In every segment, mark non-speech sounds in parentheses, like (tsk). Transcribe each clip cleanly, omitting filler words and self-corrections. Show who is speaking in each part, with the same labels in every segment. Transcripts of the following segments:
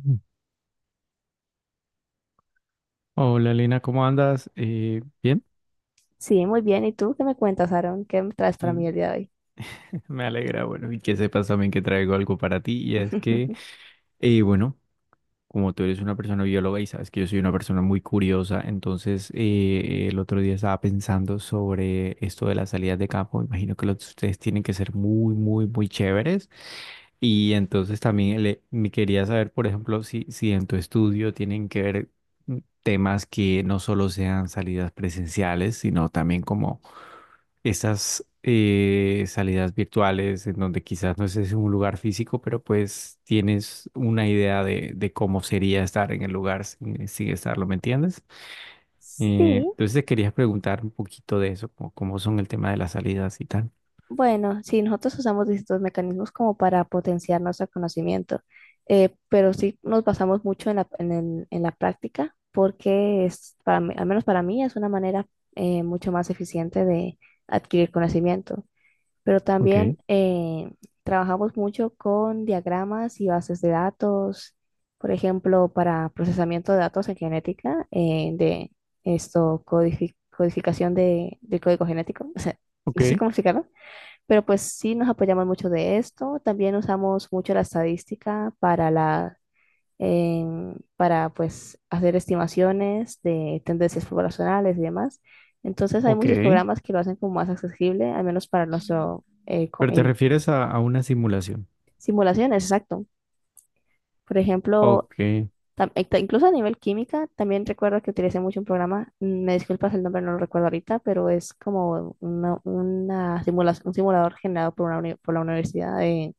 Speaker 1: Mm. Hola Lina, ¿cómo andas? Bien.
Speaker 2: Sí, muy bien. ¿Y tú qué me cuentas, Aaron? ¿Qué me traes para mí
Speaker 1: Mm,
Speaker 2: el día de hoy?
Speaker 1: (laughs) me alegra. Bueno, y que sepas también que traigo algo para ti,
Speaker 2: (laughs)
Speaker 1: eh, bueno, Como tú eres una persona bióloga y sabes que yo soy una persona muy curiosa, entonces el otro día estaba pensando sobre esto de las salidas de campo. Imagino que los de ustedes tienen que ser muy, muy, muy chéveres, y entonces también me quería saber, por ejemplo, si en tu estudio tienen que ver temas que no solo sean salidas presenciales, sino también como esas salidas virtuales en donde quizás no es es un lugar físico, pero pues tienes una idea de cómo sería estar en el lugar sin estarlo, ¿me entiendes? Eh,
Speaker 2: Sí,
Speaker 1: entonces te quería preguntar un poquito de eso, como cómo son el tema de las salidas y tal.
Speaker 2: bueno, sí, nosotros usamos distintos mecanismos como para potenciar nuestro conocimiento, pero sí nos basamos mucho en la práctica porque al menos para mí es una manera mucho más eficiente de adquirir conocimiento. Pero también
Speaker 1: Ok,
Speaker 2: trabajamos mucho con diagramas y bases de datos, por ejemplo, para procesamiento de datos en genética, codificación de, del código genético, o sea, no
Speaker 1: ok,
Speaker 2: sé cómo explicarlo, pero pues sí nos apoyamos mucho de esto. También usamos mucho la estadística para para pues hacer estimaciones de tendencias poblacionales y demás. Entonces hay
Speaker 1: ok.
Speaker 2: muchos programas que lo hacen como más accesible, al menos para nuestro
Speaker 1: Pero te
Speaker 2: en
Speaker 1: refieres a una simulación.
Speaker 2: simulaciones, exacto. Por ejemplo,
Speaker 1: Ok,
Speaker 2: incluso a nivel química, también recuerdo que utilicé mucho un programa, me disculpas el nombre, no lo recuerdo ahorita, pero es como un simulador generado por la Universidad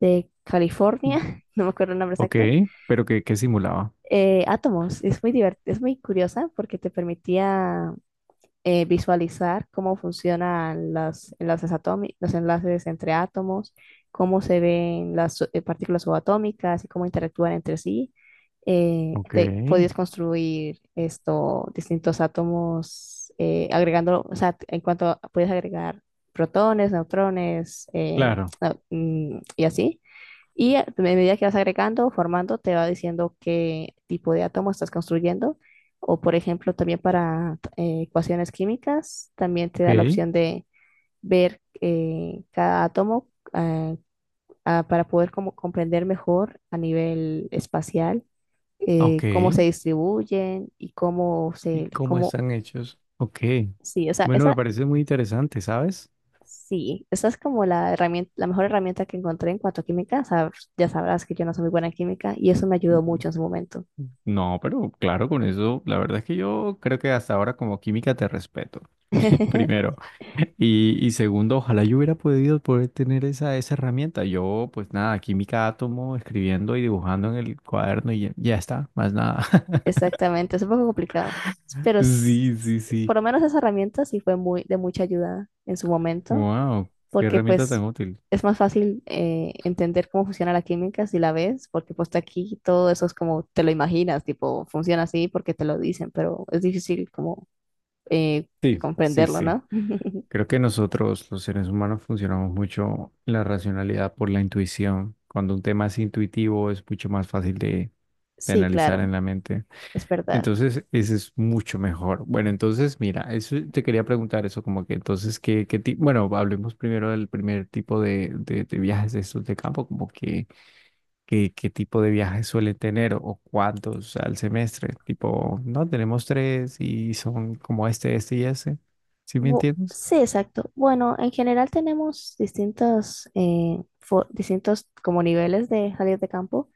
Speaker 2: de California, (laughs) no me acuerdo el nombre
Speaker 1: ok,
Speaker 2: exacto,
Speaker 1: pero ¿qué, qué simulaba?
Speaker 2: átomos. Es muy curiosa porque te permitía visualizar cómo funcionan los enlaces atómicos, los enlaces entre átomos, cómo se ven las partículas subatómicas y cómo interactúan entre sí.
Speaker 1: Ok,
Speaker 2: Podías construir esto, distintos átomos, agregando, o sea, puedes agregar protones, neutrones,
Speaker 1: claro,
Speaker 2: (tsk) y así. Y a medida que vas agregando formando, te va diciendo qué tipo de átomo estás construyendo. O, por ejemplo, también para ecuaciones químicas, también te
Speaker 1: ok,
Speaker 2: da la opción de ver cada átomo eh, para poder como comprender mejor a nivel espacial
Speaker 1: ok,
Speaker 2: cómo se distribuyen y
Speaker 1: y cómo están hechos. Ok.
Speaker 2: sí, o sea,
Speaker 1: Bueno, me parece muy interesante, ¿sabes?
Speaker 2: esa es como la herramienta, la mejor herramienta que encontré en cuanto a química. Ya sabrás que yo no soy muy buena en química y eso me ayudó mucho en su momento.
Speaker 1: No, pero claro, con eso, la verdad es que yo creo que hasta ahora como química te respeto, (laughs)
Speaker 2: (laughs)
Speaker 1: primero. Y segundo, ojalá yo hubiera podido poder tener esa herramienta. Yo, pues nada, química átomo, escribiendo y dibujando en el cuaderno y ya, ya está, más nada. (laughs)
Speaker 2: Exactamente, es un poco complicado, pero
Speaker 1: Sí, sí,
Speaker 2: por
Speaker 1: sí.
Speaker 2: lo menos esa herramienta sí fue muy de mucha ayuda en su momento,
Speaker 1: Wow, qué
Speaker 2: porque
Speaker 1: herramienta
Speaker 2: pues
Speaker 1: tan útil.
Speaker 2: es más fácil entender cómo funciona la química si la ves, porque pues aquí todo eso es como te lo imaginas, tipo funciona así porque te lo dicen, pero es difícil como eh,
Speaker 1: Sí, sí,
Speaker 2: comprenderlo,
Speaker 1: sí.
Speaker 2: ¿no? (laughs)
Speaker 1: Creo que nosotros, los seres humanos, funcionamos mucho en la racionalidad por la intuición. Cuando un tema es intuitivo, es mucho más fácil de
Speaker 2: Sí,
Speaker 1: analizar
Speaker 2: claro,
Speaker 1: en la mente.
Speaker 2: es verdad.
Speaker 1: Entonces, ese es mucho mejor. Bueno, entonces, mira, eso te quería preguntar eso, como que entonces, ¿qué, qué tipo? Bueno, hablemos primero del primer tipo de viajes de estos de campo, como que, qué tipo de viajes suele tener o cuántos al semestre. Tipo, no, tenemos tres y son como este y ese. ¿Sí me entiendes?
Speaker 2: Sí, exacto. Bueno, en general tenemos distintos como niveles de salir de campo.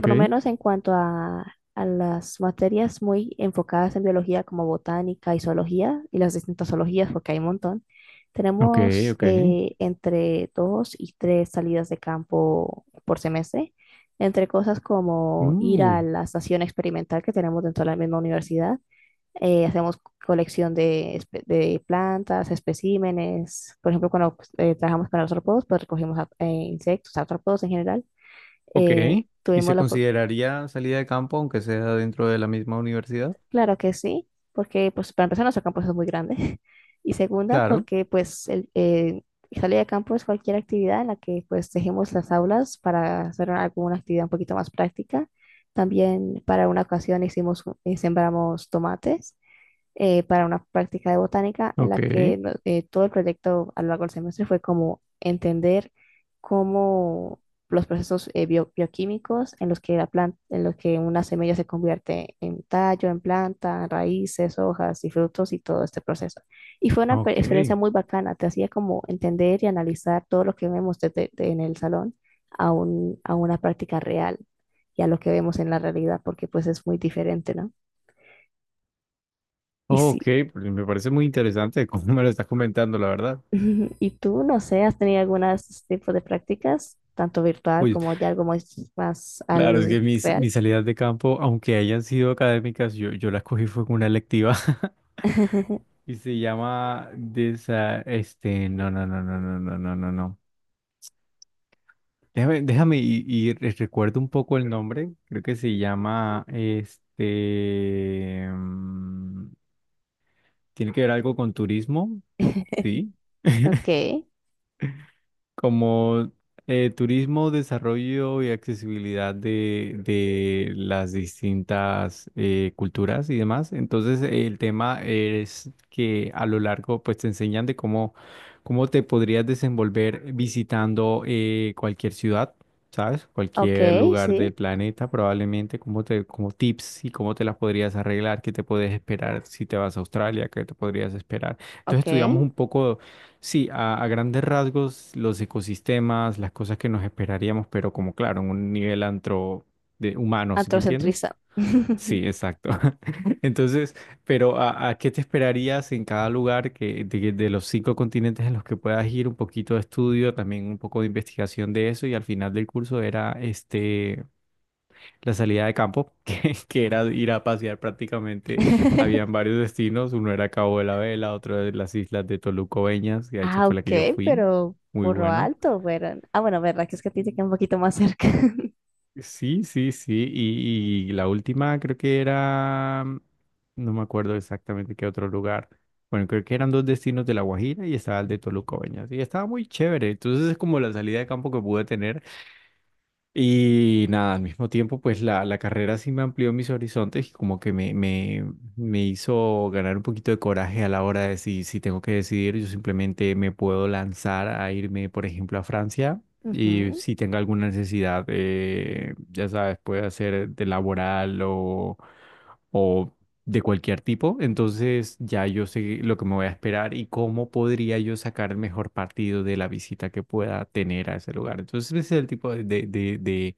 Speaker 2: Por lo menos en cuanto a las materias muy enfocadas en biología como botánica y zoología y las distintas zoologías, porque hay un montón,
Speaker 1: Ok,
Speaker 2: tenemos
Speaker 1: ok.
Speaker 2: entre dos y tres salidas de campo por semestre, entre cosas como
Speaker 1: Mm,
Speaker 2: ir a la estación experimental que tenemos dentro de la misma universidad. Hacemos colección de plantas, especímenes. Por ejemplo, cuando pues, trabajamos con artrópodos, pues recogimos insectos, artrópodos en general.
Speaker 1: ok. ¿Y
Speaker 2: Tuvimos
Speaker 1: se
Speaker 2: la.
Speaker 1: consideraría salida de campo aunque sea dentro de la misma universidad?
Speaker 2: Claro que sí, porque pues para empezar nuestro campus es muy grande (laughs) y segunda
Speaker 1: Claro.
Speaker 2: porque pues salir de campo es cualquier actividad en la que pues dejemos las aulas para hacer alguna actividad un poquito más práctica. También para una ocasión hicimos, sembramos tomates para una práctica de botánica en la
Speaker 1: Ok,
Speaker 2: que todo el proyecto a lo largo del semestre fue como entender cómo los procesos bioquímicos en los que la planta, en los que una semilla se convierte en tallo, en planta, raíces, hojas y frutos y todo este proceso. Y fue una
Speaker 1: ok.
Speaker 2: experiencia muy bacana, te hacía como entender y analizar todo lo que vemos en el salón a una práctica real y a lo que vemos en la realidad, porque pues es muy diferente, ¿no? Y
Speaker 1: Ok,
Speaker 2: sí.
Speaker 1: pues me parece muy interesante cómo (laughs) me lo estás comentando, la verdad.
Speaker 2: (laughs) ¿Y tú, no sé, has tenido alguna de estos tipos de prácticas, tanto virtual
Speaker 1: Uy,
Speaker 2: como ya algo más, más
Speaker 1: claro, es
Speaker 2: al
Speaker 1: que
Speaker 2: real?
Speaker 1: mis salidas de campo, aunque hayan sido académicas, yo las cogí fue con una electiva. (laughs)
Speaker 2: (laughs)
Speaker 1: Y se llama no, no, no, no, no, no, no, no, no, no. Déjame y recuerdo un poco el nombre. Creo que se llama tiene que ver algo con turismo, sí.
Speaker 2: Ok,
Speaker 1: Como turismo, desarrollo y accesibilidad de las distintas culturas y demás. Entonces, el tema es que a lo largo, pues te enseñan de cómo te podrías desenvolver visitando cualquier ciudad, ¿sabes? Cualquier
Speaker 2: ok,
Speaker 1: lugar
Speaker 2: sí,
Speaker 1: del planeta, probablemente, como como tips y cómo te las podrías arreglar, qué te puedes esperar si te vas a Australia, qué te podrías esperar. Entonces,
Speaker 2: ok.
Speaker 1: estudiamos un poco. Sí, a grandes rasgos, los ecosistemas, las cosas que nos esperaríamos, pero como claro, en un nivel antro de humano, ¿sí me entiendes?
Speaker 2: Antrocentriza.
Speaker 1: Sí, exacto. (laughs) Entonces, pero a qué te esperarías en cada lugar que, de los cinco continentes en los que puedas ir? Un poquito de estudio, también un poco de investigación de eso y al final del curso era este la salida de campo, (laughs) que era ir a pasear prácticamente.
Speaker 2: (laughs)
Speaker 1: Habían varios destinos, uno era Cabo de la Vela, otro de las islas de Toluco Beñas, que a esa
Speaker 2: Ah,
Speaker 1: fue la
Speaker 2: ok,
Speaker 1: que yo fui,
Speaker 2: pero
Speaker 1: muy
Speaker 2: por lo
Speaker 1: bueno.
Speaker 2: alto, pero... Ah, bueno, verdad que es que a ti te queda un poquito más cerca. (laughs)
Speaker 1: Sí, sí, sí, y la última creo que era, no me acuerdo exactamente qué otro lugar. Bueno, creo que eran dos destinos de La Guajira y estaba el de Toluco Beñas, y estaba muy chévere. Entonces es como la salida de campo que pude tener. Y nada, al mismo tiempo, pues la carrera sí me amplió mis horizontes y como que me hizo ganar un poquito de coraje a la hora de si, si tengo que decidir, yo simplemente me puedo lanzar a irme, por ejemplo, a Francia, y
Speaker 2: Ujú,
Speaker 1: si tengo alguna necesidad, ya sabes, puede ser de laboral o de cualquier tipo, entonces ya yo sé lo que me voy a esperar y cómo podría yo sacar el mejor partido de la visita que pueda tener a ese lugar. Entonces ese es el tipo de, de, de, de-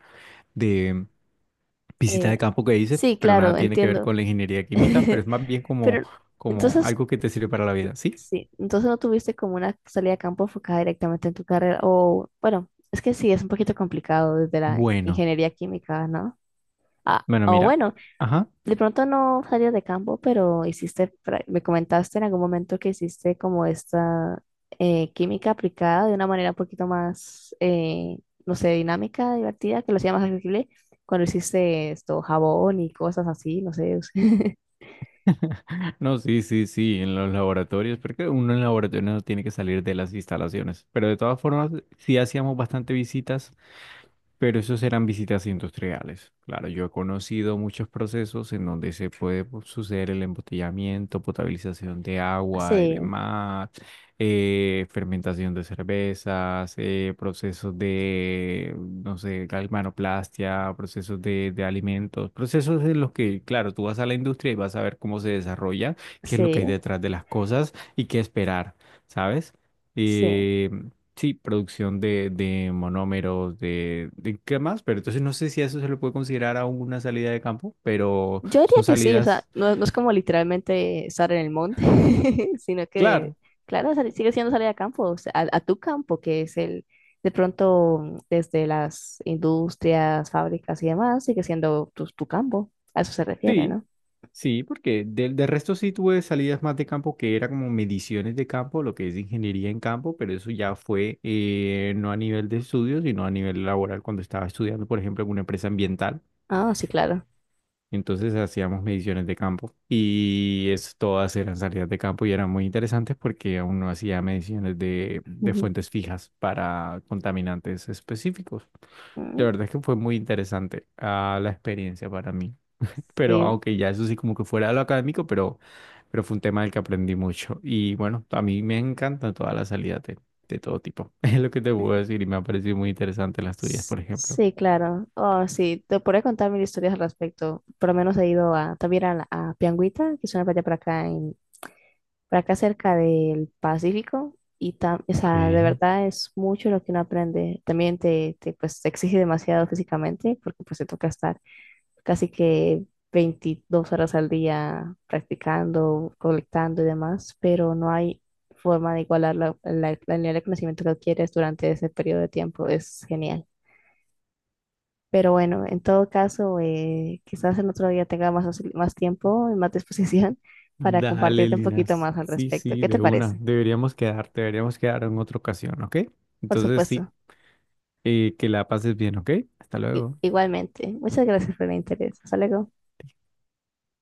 Speaker 1: de visita
Speaker 2: eh,
Speaker 1: de campo que hice,
Speaker 2: sí,
Speaker 1: pero nada
Speaker 2: claro,
Speaker 1: tiene que ver
Speaker 2: entiendo.
Speaker 1: con la ingeniería química, pero
Speaker 2: (laughs)
Speaker 1: es más bien como,
Speaker 2: Pero
Speaker 1: como
Speaker 2: entonces.
Speaker 1: algo que te sirve para la vida, ¿sí?
Speaker 2: Sí, entonces no tuviste como una salida a campo enfocada directamente en tu carrera, o bueno, es que sí, es un poquito complicado desde la
Speaker 1: Bueno,
Speaker 2: ingeniería química, ¿no? Ah,
Speaker 1: bueno,
Speaker 2: o
Speaker 1: mira,
Speaker 2: bueno,
Speaker 1: ajá.
Speaker 2: de pronto no salías de campo, pero hiciste, me comentaste en algún momento que hiciste como esta química aplicada de una manera un poquito más, no sé, dinámica, divertida, que lo hacía más accesible cuando hiciste esto, jabón y cosas así, no sé. (laughs)
Speaker 1: (laughs) No, sí, sí, sí, en los laboratorios, porque uno en laboratorio no tiene que salir de las instalaciones, pero de todas formas sí hacíamos bastante visitas. Pero esos eran visitas industriales. Claro, yo he conocido muchos procesos en donde se puede pues, suceder el embotellamiento, potabilización de agua y
Speaker 2: Sí,
Speaker 1: demás, fermentación de cervezas, procesos de, no sé, galvanoplastia, procesos de alimentos, procesos en los que, claro, tú vas a la industria y vas a ver cómo se desarrolla, qué es lo que hay
Speaker 2: sí,
Speaker 1: detrás de las cosas y qué esperar, ¿sabes?
Speaker 2: sí.
Speaker 1: Eh, Sí, producción de monómeros, de qué más, pero entonces no sé si a eso se le puede considerar aún una salida de campo, pero
Speaker 2: Yo diría
Speaker 1: son
Speaker 2: que sí, o sea,
Speaker 1: salidas,
Speaker 2: no, no es como literalmente estar en el monte, (laughs) sino que,
Speaker 1: claro,
Speaker 2: claro, sigue siendo salir a campo, o sea, a tu campo, que es el, de pronto, desde las industrias, fábricas y demás, sigue siendo tu, tu campo, a eso se refiere,
Speaker 1: sí,
Speaker 2: ¿no?
Speaker 1: sí, porque del resto sí tuve salidas más de campo que era como mediciones de campo, lo que es ingeniería en campo, pero eso ya fue no a nivel de estudio, sino a nivel laboral cuando estaba estudiando, por ejemplo, en una empresa ambiental.
Speaker 2: Ah, sí, claro.
Speaker 1: Entonces hacíamos mediciones de campo y es, todas eran salidas de campo y eran muy interesantes porque uno hacía mediciones de
Speaker 2: Ujú.
Speaker 1: fuentes fijas para contaminantes específicos. La
Speaker 2: Mm,
Speaker 1: verdad es que fue muy interesante ah, la experiencia para mí. Pero
Speaker 2: sí,
Speaker 1: aunque ya eso sí como que fuera de lo académico, pero fue un tema del que aprendí mucho. Y bueno, a mí me encantan todas las salidas de todo tipo. (laughs) Es lo que te puedo decir y me ha parecido muy interesante las tuyas, por ejemplo.
Speaker 2: sí, claro. Oh, sí, te podría contar mil historias al respecto. Por lo menos he ido también a Pianguita, que es una playa por acá cerca del Pacífico y o
Speaker 1: Ok.
Speaker 2: sea, de verdad es mucho lo que uno aprende. También pues, te exige demasiado físicamente porque pues te toca estar casi que 22 horas al día practicando, colectando y demás, pero no hay forma de igualar la nivel de conocimiento que adquieres durante ese periodo de tiempo. Es genial. Pero bueno, en todo caso, quizás en otro día tenga más tiempo y más (laughs) disposición para
Speaker 1: Dale,
Speaker 2: compartirte un poquito
Speaker 1: Linas.
Speaker 2: más al
Speaker 1: Sí,
Speaker 2: respecto.
Speaker 1: sí,
Speaker 2: ¿Qué te
Speaker 1: de una.
Speaker 2: parece?
Speaker 1: Deberíamos quedar en otra ocasión, ¿ok?
Speaker 2: Por
Speaker 1: Entonces, sí,
Speaker 2: supuesto.
Speaker 1: que la pases bien, ¿ok? Hasta luego.
Speaker 2: Igualmente. Muchas gracias por el interés. Hasta luego.